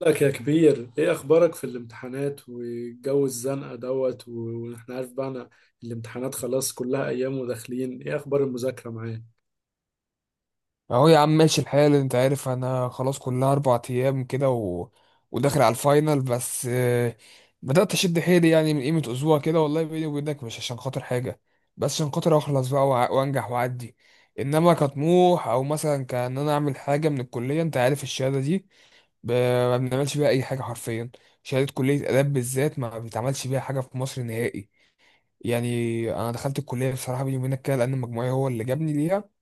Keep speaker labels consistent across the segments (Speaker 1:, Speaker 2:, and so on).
Speaker 1: لك يا كبير، ايه اخبارك في الامتحانات والجو الزنقه دوت واحنا عارف بقى انا. الامتحانات خلاص كلها ايام وداخلين، ايه اخبار المذاكره معاك؟
Speaker 2: اهو يا عم ماشي الحال، انت عارف، انا خلاص كلها 4 ايام كده. وداخل على الفاينل. بس بدأت اشد حيلي، يعني من قيمة اسبوع كده. والله بيني وبينك مش عشان خاطر حاجة، بس عشان خاطر اخلص بقى وانجح واعدي. انما كطموح، او مثلا كان انا اعمل حاجة من الكلية، انت عارف الشهادة دي ما بنعملش بيها اي حاجة حرفيا. شهادة كلية آداب بالذات ما بيتعملش بيها حاجة في مصر نهائي. يعني انا دخلت الكلية بصراحة، بيني وبينك كده، لان مجموعي هو اللي جابني ليها.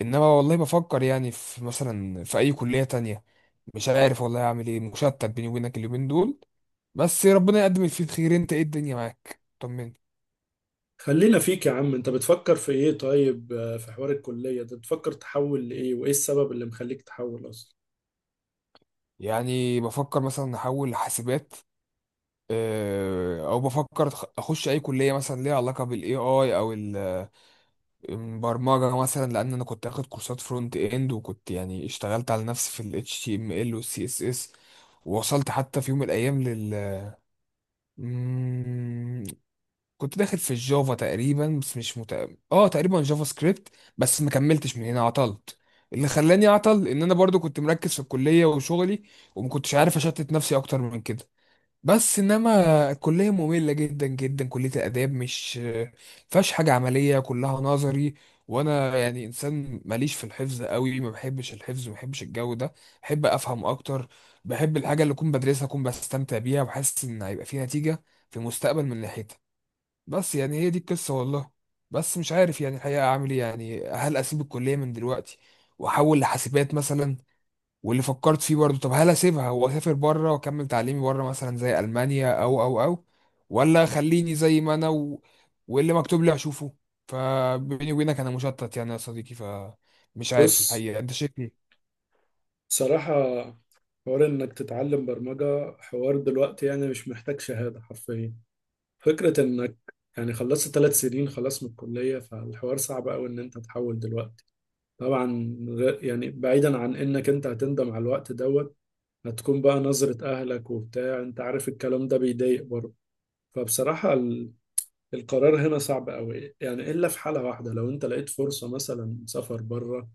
Speaker 2: انما والله بفكر يعني في مثلا في اي كلية تانية. مش عارف والله اعمل ايه، مشتت بيني وبينك اليومين دول. بس ربنا يقدم اللي فيه الخير. انت ايه؟ الدنيا معاك، طمني.
Speaker 1: خلينا فيك يا عم، انت بتفكر في ايه؟ طيب في حوار الكليه ده بتفكر تحول لايه، وايه السبب اللي مخليك تحول اصلا؟
Speaker 2: يعني بفكر مثلا احول حاسبات، او بفكر اخش اي كليه مثلا ليها علاقه بالاي اي، البرمجه مثلا. لان انا كنت اخد كورسات فرونت اند، وكنت يعني اشتغلت على نفسي في ال HTML وال CSS. ووصلت حتى في يوم من الايام كنت داخل في الجافا تقريبا، بس مش مت... اه تقريبا جافا سكريبت. بس ما كملتش، من هنا عطلت. اللي خلاني اعطل ان انا برضو كنت مركز في الكلية وشغلي، وما كنتش عارف اشتت نفسي اكتر من كده. بس انما الكلية مملة جدا جدا. كلية الاداب مش فيهاش حاجة عملية، كلها نظري. وانا يعني انسان ماليش في الحفظ قوي، ما بحبش الحفظ، ما بحبش الجو ده. بحب افهم اكتر. بحب الحاجة اللي اكون بدرسها اكون بستمتع بيها، وحاسس ان هيبقى في نتيجة في المستقبل من ناحيتها. بس يعني هي دي القصة والله. بس مش عارف يعني الحقيقة أعمل إيه. يعني هل أسيب الكلية من دلوقتي وأحول لحاسبات مثلا؟ واللي فكرت فيه برضه، طب هل أسيبها وأسافر بره وأكمل تعليمي بره، مثلا زي ألمانيا أو، ولا خليني زي ما أنا. واللي مكتوب لي أشوفه. فبيني وبينك أنا مشتت يعني يا صديقي، فمش عارف
Speaker 1: بص،
Speaker 2: الحقيقة، أنت شايف إيه؟
Speaker 1: بصراحه، حوار انك تتعلم برمجه حوار دلوقتي يعني مش محتاج شهاده حرفيا. فكره انك يعني خلصت 3 سنين خلاص من الكليه، فالحوار صعب قوي ان انت تحول دلوقتي. طبعا يعني بعيدا عن انك انت هتندم على الوقت دوت، هتكون بقى نظرة اهلك وبتاع، انت عارف الكلام ده بيضايق برضه. فبصراحة القرار هنا صعب قوي يعني، الا في حالة واحدة، لو انت لقيت فرصة مثلا سفر بره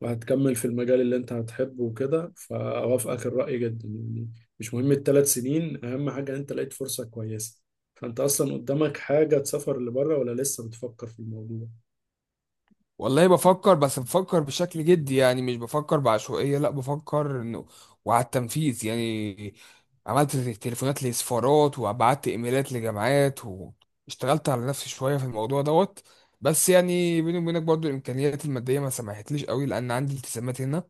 Speaker 1: وهتكمل في المجال اللي انت هتحبه وكده، فاوافقك الرأي جدا يعني. مش مهم ال3 سنين، اهم حاجة انت لقيت فرصة كويسة. فانت اصلا قدامك حاجة تسافر لبره، ولا لسه بتفكر في الموضوع؟
Speaker 2: والله بفكر، بس بفكر بشكل جدي. يعني مش بفكر بعشوائية، لا بفكر انه وعلى التنفيذ يعني. عملت تليفونات لسفارات، وبعت ايميلات لجامعات، واشتغلت على نفسي شوية في الموضوع دوت. بس يعني بيني وبينك برضو الامكانيات المادية ما سمحتليش قوي، لان عندي التزامات هنا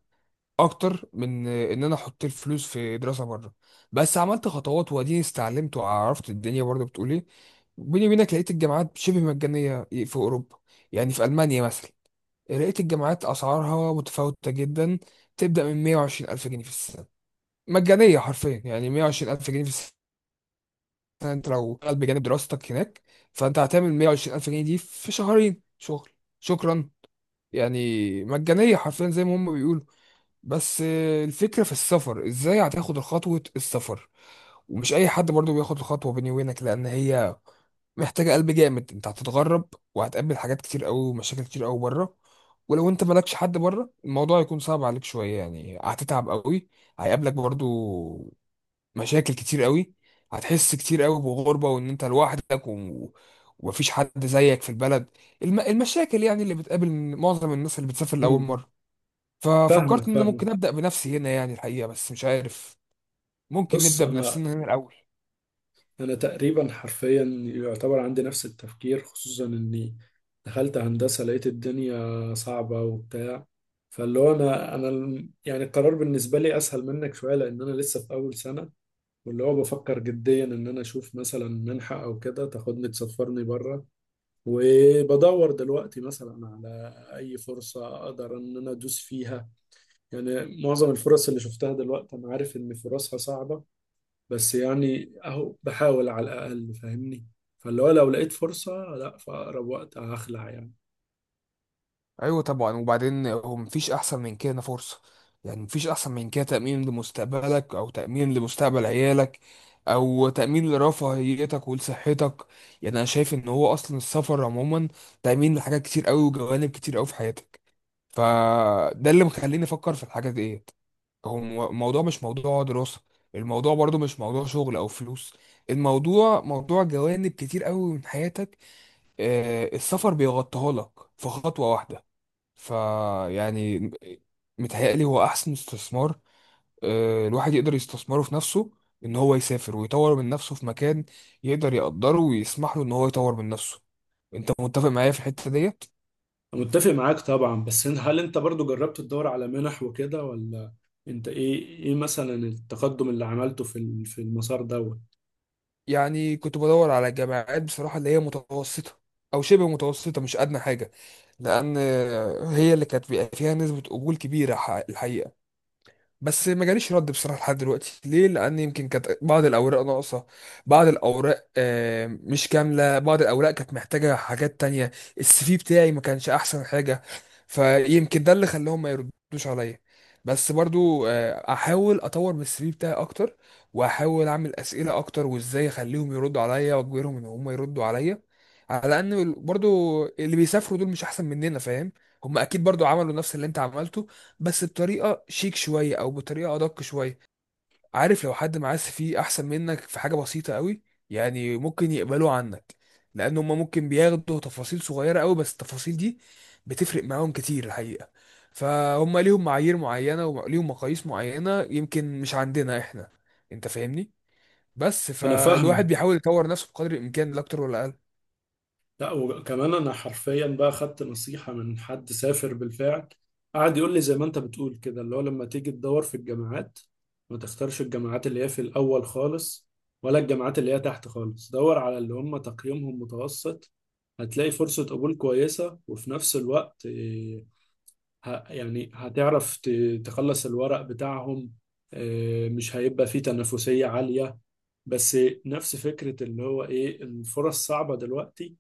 Speaker 2: اكتر من ان انا احط الفلوس في دراسة بره. بس عملت خطوات، واديني استعلمت وعرفت الدنيا برضو بتقول ايه. بيني وبينك لقيت الجامعات شبه مجانية في اوروبا، يعني في المانيا مثلا. لقيت الجامعات أسعارها متفاوتة جدا. تبدأ من 120 ألف جنيه في السنة. مجانية حرفيا، يعني 120 ألف جنيه في السنة، أنت لو شغال بجانب دراستك هناك، فأنت هتعمل 120 ألف جنيه دي في شهرين شغل. شكرا. يعني مجانية حرفيا زي ما هم بيقولوا. بس الفكرة في السفر، ازاي هتاخد خطوة السفر؟ ومش اي حد برضو بياخد الخطوة، بيني وبينك، لان هي محتاجة قلب جامد. انت هتتغرب، وهتقابل حاجات كتير قوي، ومشاكل كتير قوي بره. ولو انت مالكش حد بره، الموضوع هيكون صعب عليك شوية، يعني هتتعب قوي. هيقابلك برضو مشاكل كتير قوي. هتحس كتير قوي بغربة، وان انت لوحدك، ومفيش حد زيك في البلد. المشاكل يعني اللي بتقابل معظم الناس اللي بتسافر لأول
Speaker 1: امم.
Speaker 2: مرة. ففكرت
Speaker 1: فاهمك،
Speaker 2: ان انا
Speaker 1: فاهمك.
Speaker 2: ممكن ابدا بنفسي هنا يعني الحقيقه، بس مش عارف. ممكن
Speaker 1: بص،
Speaker 2: نبدا
Speaker 1: انا
Speaker 2: بنفسنا هنا الاول.
Speaker 1: انا تقريبا حرفيا يعتبر عندي نفس التفكير، خصوصا اني دخلت هندسة لقيت الدنيا صعبة وبتاع. فاللي هو يعني القرار بالنسبة لي اسهل منك شوية لان انا لسه في اول سنة. واللي هو بفكر جديا ان انا اشوف مثلا منحة او كده تاخدني تسفرني بره، وبدور دلوقتي مثلا على اي فرصة اقدر ان انا ادوس فيها. يعني معظم الفرص اللي شفتها دلوقتي انا عارف ان فرصها صعبة، بس يعني اهو بحاول على الاقل، فاهمني؟ فاللي هو لو لقيت فرصة، لا في اقرب وقت هخلع يعني.
Speaker 2: ايوه طبعا، وبعدين هو مفيش احسن من كده فرصه. يعني مفيش احسن من كده تامين لمستقبلك، او تامين لمستقبل عيالك، او تامين لرفاهيتك ولصحتك. يعني انا شايف ان هو اصلا السفر عموما تامين لحاجات كتير قوي وجوانب كتير قوي في حياتك. فده اللي مخليني افكر في الحاجات ديت. هو الموضوع مش موضوع دراسة، الموضوع برضو مش موضوع شغل أو فلوس. الموضوع موضوع جوانب كتير قوي من حياتك. السفر بيغطيها لك في خطوة واحدة. فيعني متهيألي هو أحسن استثمار الواحد يقدر يستثمره في نفسه. إن هو يسافر ويطور من نفسه في مكان يقدر يقدره ويسمح له إن هو يطور من نفسه. أنت متفق معايا في الحتة ديت؟
Speaker 1: أنا متفق معاك طبعا، بس هل انت برضو جربت تدور على منح وكده، ولا انت ايه، مثلا التقدم اللي عملته في في المسار دوت؟
Speaker 2: يعني كنت بدور على جامعات بصراحة اللي هي متوسطة، أو شبه متوسطة، مش أدنى حاجة. لأن هي اللي كانت بيبقى فيها نسبة قبول كبيرة الحقيقة. بس ما جاليش رد بصراحه لحد دلوقتي. ليه؟ لان يمكن كانت بعض الاوراق ناقصه، بعض الاوراق مش كامله، بعض الاوراق كانت محتاجه حاجات تانية. السي في بتاعي ما كانش احسن حاجه، فيمكن ده اللي خلاهم ما يردوش عليا. بس برضو احاول اطور من السي في بتاعي اكتر، واحاول اعمل اسئله اكتر، وازاي اخليهم يردوا عليا واجبرهم ان هم يردوا عليا. على ان برضو اللي بيسافروا دول مش احسن مننا، فاهم؟ هم اكيد برضو عملوا نفس اللي انت عملته، بس بطريقه شيك شويه، او بطريقه ادق شويه. عارف، لو حد معاه فيه احسن منك في حاجه بسيطه قوي، يعني ممكن يقبلوا عنك. لان هم ممكن بياخدوا تفاصيل صغيره قوي، بس التفاصيل دي بتفرق معاهم كتير الحقيقه. فهم ليهم معايير معينه وليهم مقاييس معينه يمكن مش عندنا احنا. انت فاهمني. بس
Speaker 1: انا
Speaker 2: فالواحد
Speaker 1: فاهمك.
Speaker 2: بيحاول يطور نفسه بقدر الامكان، لا اكتر ولا اقل.
Speaker 1: لا، وكمان انا حرفيا بقى خدت نصيحة من حد سافر بالفعل، قعد يقول لي زي ما انت بتقول كده، اللي هو لما تيجي تدور في الجامعات ما تختارش الجامعات اللي هي في الاول خالص، ولا الجامعات اللي هي تحت خالص، دور على اللي هم تقييمهم متوسط. هتلاقي فرصة قبول كويسة، وفي نفس الوقت يعني هتعرف تخلص الورق بتاعهم، مش هيبقى فيه تنافسية عالية. بس نفس فكرة اللي هو ايه، الفرص صعبة دلوقتي.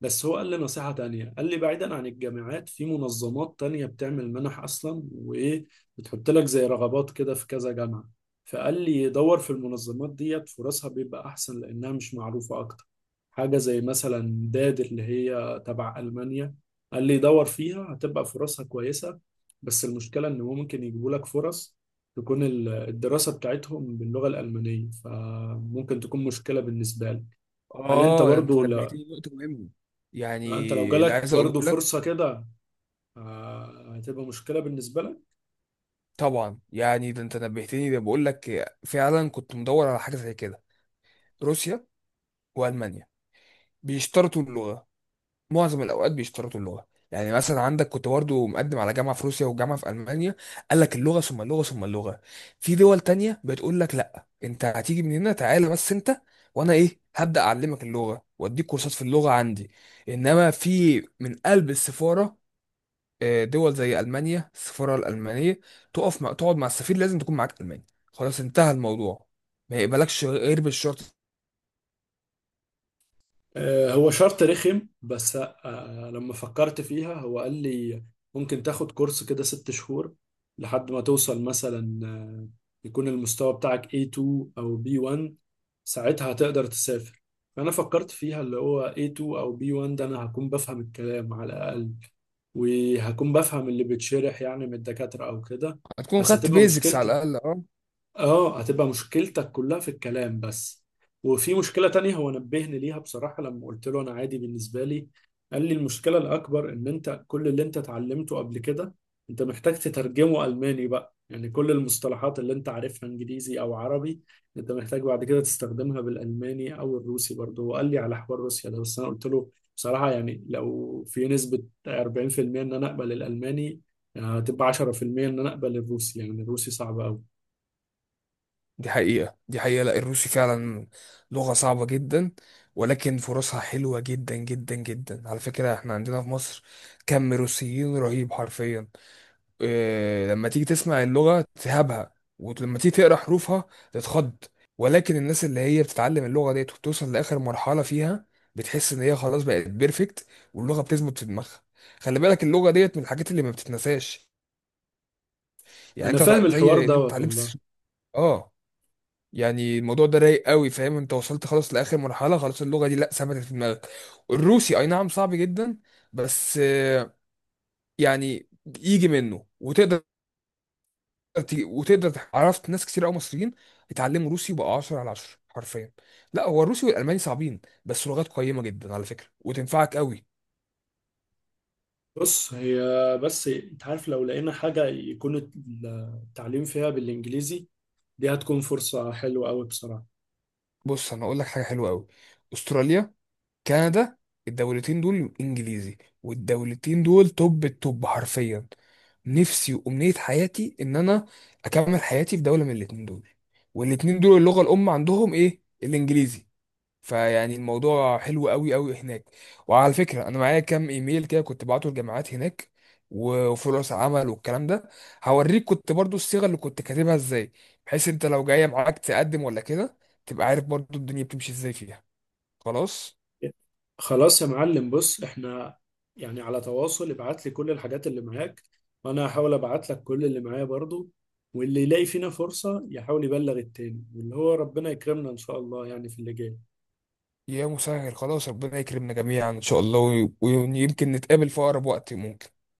Speaker 1: بس هو قال لي نصيحة تانية، قال لي بعيدا عن الجامعات في منظمات تانية بتعمل منح أصلا بتحط لك زي رغبات كده في كذا جامعة. فقال لي دور في المنظمات ديت فرصها بيبقى أحسن لأنها مش معروفة أكتر. حاجة زي مثلا داد، اللي هي تبع ألمانيا، قال لي دور فيها هتبقى فرصها كويسة. بس المشكلة إن هو ممكن يجيبوا لك فرص تكون الدراسة بتاعتهم باللغة الألمانية، فممكن تكون مشكلة بالنسبة لك. هل أنت
Speaker 2: اه، ده انت
Speaker 1: برضو،
Speaker 2: نبهتني نقطه مهمه. يعني
Speaker 1: لا، انت لو
Speaker 2: اللي
Speaker 1: جالك
Speaker 2: عايز اقوله
Speaker 1: برضو
Speaker 2: لك.
Speaker 1: فرصة كده هتبقى مشكلة بالنسبة لك.
Speaker 2: طبعا يعني، ده انت نبهتني، ده بقول لك فعلا كنت مدور على حاجه زي كده. روسيا والمانيا بيشترطوا اللغه. معظم الاوقات بيشترطوا اللغه. يعني مثلا عندك كنت برضه مقدم على جامعه في روسيا وجامعه في المانيا، قال لك اللغه ثم اللغه ثم اللغه. في دول تانية بتقول لك، لا انت هتيجي من هنا تعالى بس انت، وانا ايه، هبدا اعلمك اللغه واديك كورسات في اللغه عندي. انما في من قلب السفاره، دول زي المانيا، السفاره الالمانيه، تقف مع تقعد مع السفير لازم تكون معاك الماني، خلاص، انتهى الموضوع، ما يقبلكش غير بالشرط.
Speaker 1: هو شرط رخم، بس لما فكرت فيها هو قال لي ممكن تاخد كورس كده 6 شهور، لحد ما توصل مثلا يكون المستوى بتاعك A2 أو B1، ساعتها هتقدر تسافر. فأنا فكرت فيها، اللي هو A2 أو B1 ده أنا هكون بفهم الكلام على الأقل، وهكون بفهم اللي بيتشرح يعني من الدكاترة أو كده.
Speaker 2: هتكون
Speaker 1: بس
Speaker 2: خدت
Speaker 1: هتبقى
Speaker 2: بيزكس
Speaker 1: مشكلتي.
Speaker 2: على الاقل، اه.
Speaker 1: اه، هتبقى مشكلتك كلها في الكلام بس. وفي مشكلة تانية هو نبهني ليها بصراحة، لما قلت له انا عادي بالنسبة لي، قال لي المشكلة الاكبر ان انت كل اللي انت اتعلمته قبل كده انت محتاج تترجمه الماني بقى، يعني كل المصطلحات اللي انت عارفها انجليزي او عربي انت محتاج بعد كده تستخدمها بالالماني، او الروسي برضه هو قال لي على حوار روسيا ده. بس انا قلت له بصراحة يعني لو في نسبة 40% ان انا اقبل الالماني، هتبقى 10% ان انا اقبل الروسي، يعني الروسي صعب.
Speaker 2: دي حقيقه، دي حقيقه، لا الروسي فعلا لغه صعبه جدا. ولكن فرصها حلوه جدا جدا جدا، على فكره. احنا عندنا في مصر كم روسيين رهيب حرفيا. لما تيجي تسمع اللغة تهابها، ولما تيجي تقرأ حروفها تتخض. ولكن الناس اللي هي بتتعلم اللغة ديت وبتوصل لآخر مرحلة فيها، بتحس إن هي خلاص بقت بيرفكت، واللغة بتثبت في دماغها. خلي بالك اللغة ديت من الحاجات اللي ما بتتنساش. يعني
Speaker 1: انا
Speaker 2: أنت
Speaker 1: فاهم الحوار
Speaker 2: زي إن أنت
Speaker 1: دوت والله.
Speaker 2: اتعلمت. آه. يعني الموضوع ده رايق قوي، فاهم؟ أنت وصلت خلاص لآخر مرحلة، خلاص اللغة دي لأ ثبتت في دماغك. الروسي أي نعم صعب جدا، بس يعني يجي منه وتقدر عرفت ناس كتير قوي مصريين اتعلموا روسي وبقوا 10 على 10 حرفيا. لا هو الروسي والالماني صعبين، بس لغات قيمه جدا على فكره، وتنفعك قوي.
Speaker 1: بص، هي بس انت عارف لو لقينا حاجة يكون التعليم فيها بالانجليزي، دي هتكون فرصة حلوة قوي بصراحة.
Speaker 2: بص، انا اقول لك حاجه حلوه قوي. استراليا، كندا. الدولتين دول انجليزي، والدولتين دول توب التوب حرفيا. نفسي وامنيه حياتي ان انا اكمل حياتي في دوله من الاتنين دول. والاتنين دول اللغه الام عندهم ايه؟ الانجليزي. فيعني الموضوع حلو قوي قوي هناك. وعلى فكرة، انا معايا كام ايميل كده كنت بعته لجامعات هناك وفرص عمل والكلام ده، هوريك كنت برضو الصيغة اللي كنت كاتبها ازاي، بحيث انت لو جاية معاك تقدم ولا كده، تبقى عارف برضو الدنيا بتمشي ازاي فيها. خلاص.
Speaker 1: خلاص يا معلم، بص، احنا يعني على تواصل، ابعت لي كل الحاجات اللي معاك، وانا هحاول ابعت لك كل اللي معايا برضو، واللي يلاقي فينا فرصة يحاول يبلغ التاني، واللي هو ربنا يكرمنا ان شاء الله يعني في اللي جاي.
Speaker 2: يا مسهل، خلاص، ربنا يكرمنا جميعا ان شاء الله، ويمكن نتقابل في اقرب وقت ممكن.